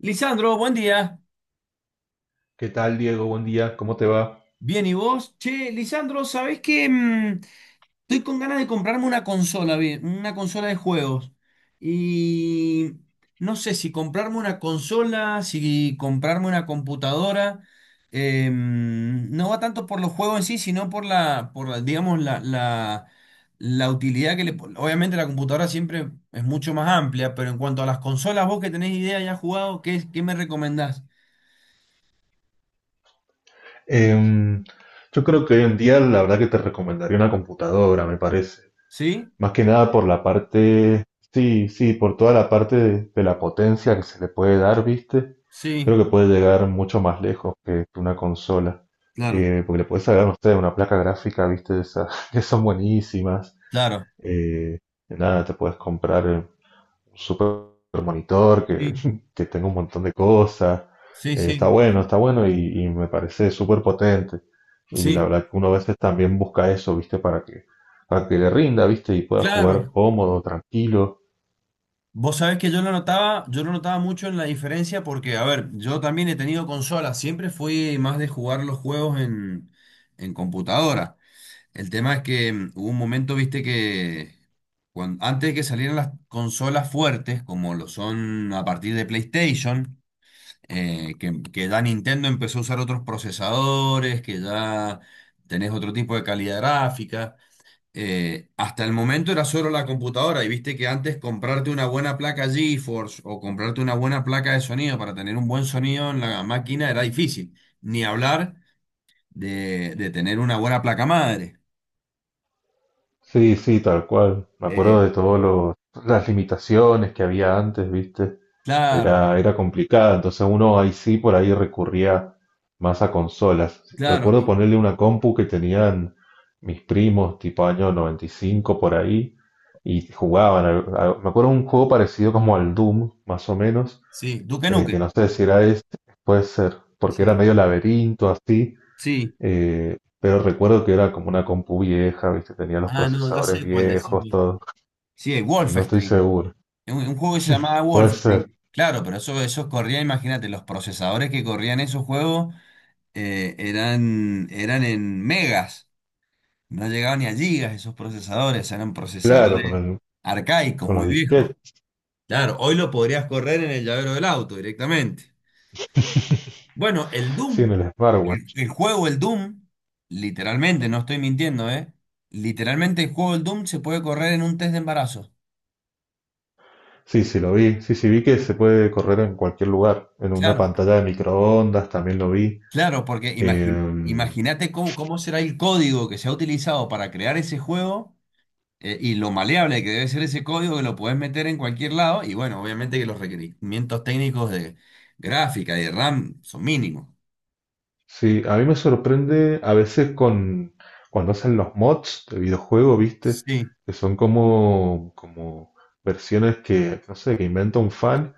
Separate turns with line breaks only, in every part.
Lisandro, buen día.
¿Qué tal, Diego? Buen día, ¿cómo te va?
Bien, ¿y vos? Che, Lisandro, ¿sabés qué? Estoy con ganas de comprarme una consola, bien, una consola de juegos. Y no sé si comprarme una consola, si comprarme una computadora. No va tanto por los juegos en sí, sino por la, digamos, la utilidad que le. Obviamente la computadora siempre es mucho más amplia, pero en cuanto a las consolas, vos que tenés idea ya has jugado, ¿qué me recomendás?
Em, yo creo que hoy en día la verdad que te recomendaría una computadora, me parece.
¿Sí?
Más que nada por la parte, sí, sí, por toda la parte de la potencia que se le puede dar, ¿viste?
Sí,
Creo que puede llegar mucho más lejos que una consola.
claro.
Porque le puedes sacar, no sé, una placa gráfica, ¿viste? De esas que son buenísimas.
Claro.
Eh, Nada, te puedes comprar un super monitor que,
Sí.
que tenga un montón de cosas.
Sí,
Está
sí,
bueno, está bueno y me parece súper potente. Y la
sí,
verdad que uno a veces también busca eso, ¿viste? Para que le rinda, ¿viste? Y pueda
claro.
jugar cómodo, tranquilo.
Vos sabés que yo lo notaba mucho en la diferencia porque, a ver, yo también he tenido consolas, siempre fui más de jugar los juegos en computadora. El tema es que hubo un momento, viste, que antes de que salieran las consolas fuertes, como lo son a partir de PlayStation, que ya Nintendo empezó a usar otros procesadores, que ya tenés otro tipo de calidad gráfica. Hasta el momento era solo la computadora y viste que antes comprarte una buena placa GeForce o comprarte una buena placa de sonido para tener un buen sonido en la máquina era difícil, ni hablar de tener una buena placa madre.
Sí, sí, tal cual. Me acuerdo
Eh,
de todas las limitaciones que había antes, ¿viste?
claro,
Era, era complicada. Entonces uno ahí sí por ahí recurría más a consolas.
claro,
Recuerdo ponerle una compu que tenían mis primos, tipo año 95 por ahí, y jugaban. Me acuerdo un juego parecido como al Doom, más o menos,
sí, Duke
que
Nukem,
no sé si era este, puede ser, porque era
sí,
medio laberinto así,
sí.
pero recuerdo que era como una compu vieja, ¿viste? Tenía los
Ah, no, ya
procesadores
sé cuál decís.
viejos, todo.
Sí, el
No estoy
Wolfenstein,
seguro.
un juego que se llamaba
Puede ser.
Wolfenstein. Claro, pero eso corría, imagínate, los procesadores que corrían esos juegos. Eran en megas, no llegaban ni a gigas esos procesadores, eran
Claro,
procesadores arcaicos,
con
muy
los
viejos.
disquetes.
Claro, hoy lo podrías correr en el llavero del auto directamente. Bueno, el
Sí, en
Doom,
el
el,
smartwatch.
el juego, el Doom, literalmente, no estoy mintiendo, ¿eh? Literalmente el juego, el Doom se puede correr en un test de embarazo.
Sí, sí, lo vi. Sí, sí, vi que se puede correr en cualquier lugar. En una
Claro,
pantalla de microondas también lo vi.
claro, porque
Eh,
imagínate cómo será el código que se ha utilizado para crear ese juego. Y lo maleable que debe ser ese código que lo puedes meter en cualquier lado. Y bueno, obviamente que los requerimientos técnicos de gráfica y de RAM son mínimos.
sí, a mí me sorprende a veces con cuando hacen los mods de videojuego, ¿viste?
Sí,
Que son como versiones que, no sé, que inventa un fan.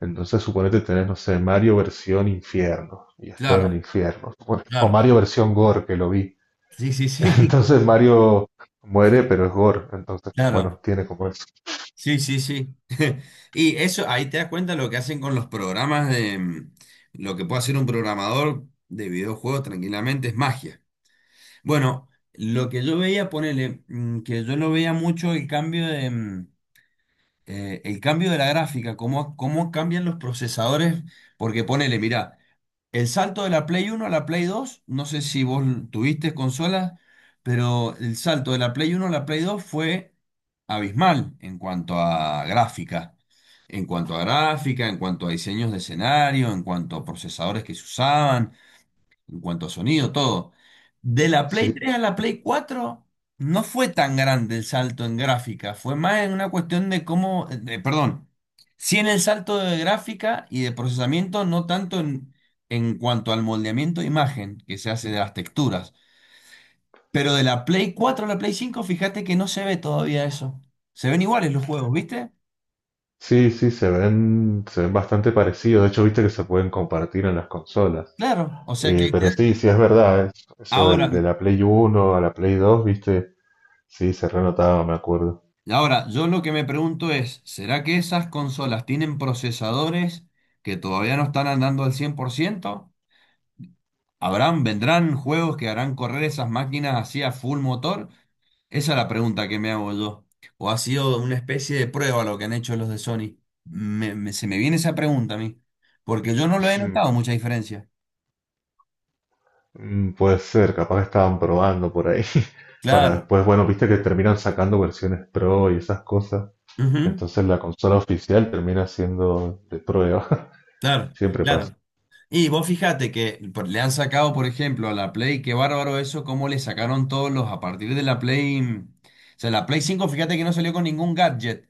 Entonces suponete tenés, no sé, Mario versión infierno, y es todo en
claro,
el infierno. O
claro.
Mario versión gore, que lo vi.
Sí, sí, sí,
Entonces Mario muere, pero es gore. Entonces,
claro.
bueno, tiene como eso.
Sí, sí, sí. Y eso, ahí te das cuenta lo que hacen con los programas de lo que puede hacer un programador de videojuegos tranquilamente es magia. Bueno, lo que yo veía, ponele, que yo no veía mucho el cambio de. El cambio de la gráfica, cómo cambian los procesadores, porque ponele, mirá, el salto de la Play uno a la Play 2 no sé si vos tuviste consolas, pero el salto de la Play uno a la Play 2 fue abismal en cuanto a gráfica, en cuanto a gráfica, en cuanto a diseños de escenario, en cuanto a procesadores que se usaban, en cuanto a sonido, todo. De la Play
Sí,
3 a la Play 4 no fue tan grande el salto en gráfica, fue más en una cuestión de cómo, perdón, sí en el salto de gráfica y de procesamiento, no tanto en, cuanto al moldeamiento de imagen que se hace de las texturas. Pero de la Play 4 a la Play 5, fíjate que no se ve todavía eso. Se ven iguales los juegos, ¿viste?
sí, sí, se ven bastante parecidos. De hecho, viste que se pueden compartir en las consolas.
Claro, o sea que ahí
Pero sí, sí es verdad, eso
Ahora,
de la Play Uno a la Play 2 viste, sí, se renotaba, me acuerdo.
yo lo que me pregunto es, ¿será que esas consolas tienen procesadores que todavía no están andando al 100%? ¿Habrán, vendrán juegos que harán correr esas máquinas así a full motor? Esa es la pregunta que me hago yo. ¿O ha sido una especie de prueba lo que han hecho los de Sony? Se me viene esa pregunta a mí, porque yo no lo he notado mucha diferencia.
Mm, puede ser, capaz que estaban probando por ahí para
Claro,
después, bueno, viste que terminan sacando versiones pro y esas cosas.
ujú,
Entonces la consola oficial termina siendo de prueba,
claro,
siempre pasa.
claro. Y vos fíjate que le han sacado, por ejemplo, a la Play, qué bárbaro eso, cómo le sacaron todos los a partir de la Play. O sea, la Play 5 fíjate que no salió con ningún gadget,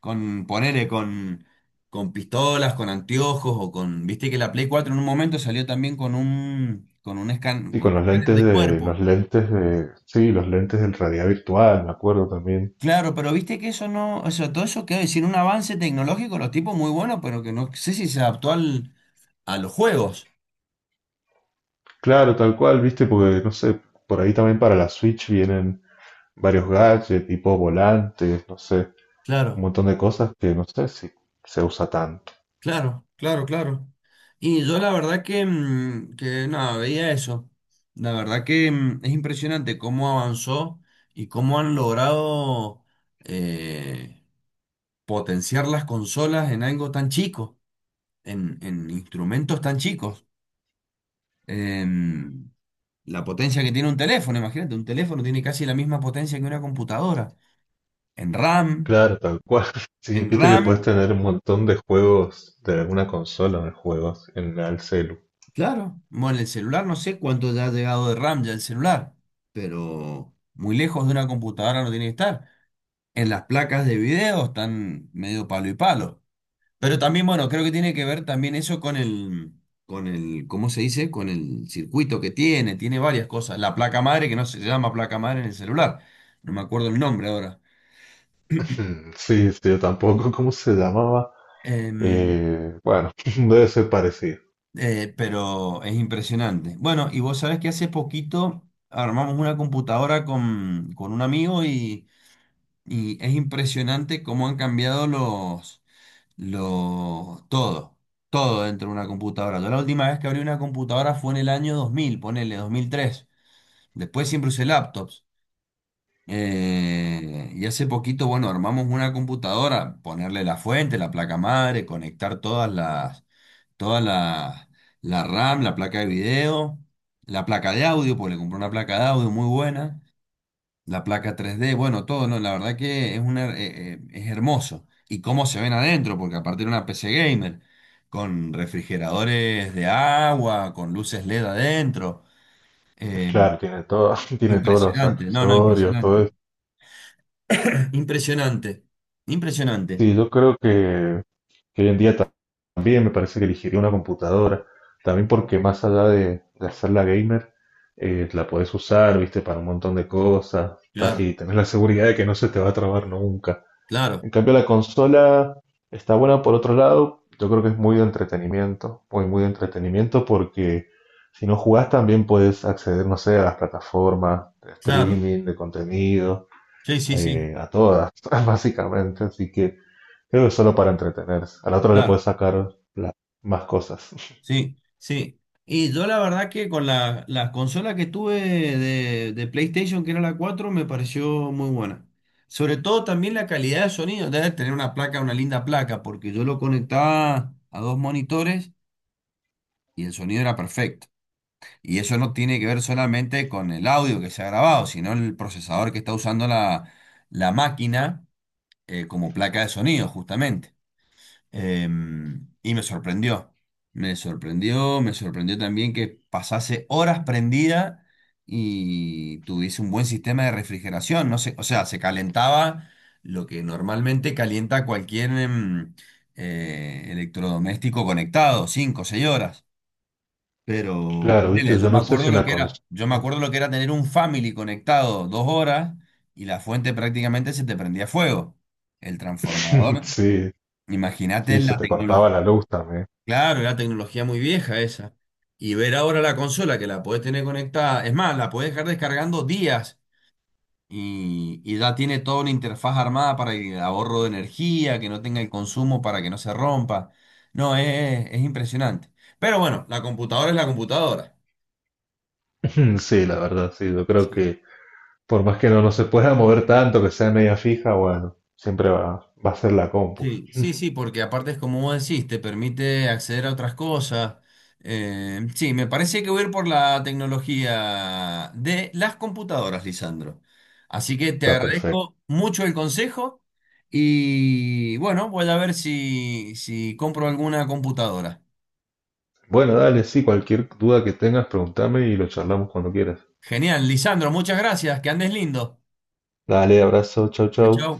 con ponele, con pistolas, con anteojos o con. Viste que la Play 4 en un momento salió también
Y
con
con
un escáner de
los
cuerpo.
lentes de, sí, los lentes del realidad virtual, me acuerdo también.
Claro, pero viste que eso no, o sea, todo eso quiero decir, un avance tecnológico, los tipos muy buenos, pero que no sé si se adaptó a los juegos.
Claro, tal cual, viste, porque no sé, por ahí también para la Switch vienen varios gadgets, tipo volantes, no sé, un
Claro.
montón de cosas que no sé si se usa tanto.
Claro, claro, claro. Y yo la verdad que, que nada, veía eso. La verdad que es impresionante cómo avanzó y cómo han logrado eh, potenciar las consolas en algo tan chico, en, instrumentos tan chicos. Em, la potencia que tiene un teléfono, imagínate, un teléfono tiene casi la misma potencia que una computadora. En RAM,
Claro, tal cual. Sí,
en
viste que puedes
RAM
tener un montón de juegos de alguna consola de juegos en el celu.
claro, bueno, el celular no sé cuánto ya ha llegado de RAM ya el celular, pero muy lejos de una computadora no tiene que estar. En las placas de video están medio palo y palo. Pero también, bueno, creo que tiene que ver también eso con el, ¿cómo se dice? Con el circuito que tiene, varias cosas. La placa madre, que no se llama placa madre en el celular, no me acuerdo el nombre ahora.
Hmm, sí, sí, yo tampoco, ¿cómo se llamaba?
Em,
Bueno, debe ser parecido.
Pero es impresionante. Bueno, y vos sabés que hace poquito armamos una computadora con un amigo y es impresionante cómo han cambiado los, todo, todo dentro de una computadora. Yo la última vez que abrí una computadora fue en el año 2000, ponele 2003. Después siempre usé laptops. Y hace poquito, bueno, armamos una computadora, ponerle la fuente, la placa madre, conectar toda la RAM, la placa de video, la placa de audio, pues le compré una placa de audio muy buena, la placa 3D, bueno, todo, no, la verdad que es una, es hermoso. Y cómo se ven adentro, porque aparte era una PC gamer, con refrigeradores de agua, con luces LED adentro. eh,
Claro, tiene todo, tiene todos los
Impresionante, no, no,
accesorios, todo
impresionante.
eso.
Impresionante, impresionante.
Sí, yo creo que hoy en día también me parece que elegiría una computadora. También porque más allá de hacerla gamer, la podés usar, viste, para un montón de cosas.
Claro,
Y tenés la seguridad de que no se te va a trabar nunca.
claro,
En cambio, la consola está buena por otro lado. Yo creo que es muy de entretenimiento, muy, muy de entretenimiento porque si no jugás también puedes acceder, no sé, a las plataformas de
claro.
streaming, de contenido,
Sí, sí, sí,
a todas, básicamente. Así que creo que es solo para entretenerse. A la otra le
claro.
puedes sacar más cosas.
Sí, sí. Y yo la verdad que con la, la consola que tuve de PlayStation, que era la 4 me pareció muy buena. Sobre todo también la calidad de sonido. Debe tener una placa, una linda placa, porque yo lo conectaba a dos monitores y el sonido era perfecto. Y eso no tiene que ver solamente con el audio que se ha grabado, sino el procesador que está usando la, la máquina como placa de sonido, justamente. Y me sorprendió. Me sorprendió, me sorprendió también que pasase horas prendida y tuviese un buen sistema de refrigeración. No sé, o sea, se calentaba lo que normalmente calienta cualquier electrodoméstico conectado, cinco o 6 horas. Pero
Claro, viste,
ponele,
yo
yo me
no sé si
acuerdo lo
una
que
consola...
era, yo me acuerdo lo que era tener un family conectado 2 horas y la fuente prácticamente se te prendía fuego. El transformador.
Sí,
Imagínate
sí, se
la
te cortaba
tecnología.
la luz también.
Claro, era tecnología muy vieja esa. Y ver ahora la consola que la podés tener conectada, es más, la podés dejar descargando días y ya tiene toda una interfaz armada para el ahorro de energía, que no tenga el consumo para que no se rompa. No, es impresionante. Pero bueno, la computadora es la computadora.
Sí, la verdad, sí, yo creo
Sí.
que por más que no, no se pueda mover tanto, que sea media fija, bueno, siempre va, va a ser la compu.
Sí, sí, sí, porque aparte es como vos decís, te permite acceder a otras cosas. Sí, me parece que voy a ir por la tecnología de las computadoras, Lisandro. Así que te
Está perfecto.
agradezco mucho el consejo y bueno, voy a ver si compro alguna computadora.
Bueno, dale, sí, cualquier duda que tengas, pregúntame y lo charlamos cuando quieras.
Genial, Lisandro, muchas gracias, que andes lindo.
Dale, abrazo, chau, chau.
Chao.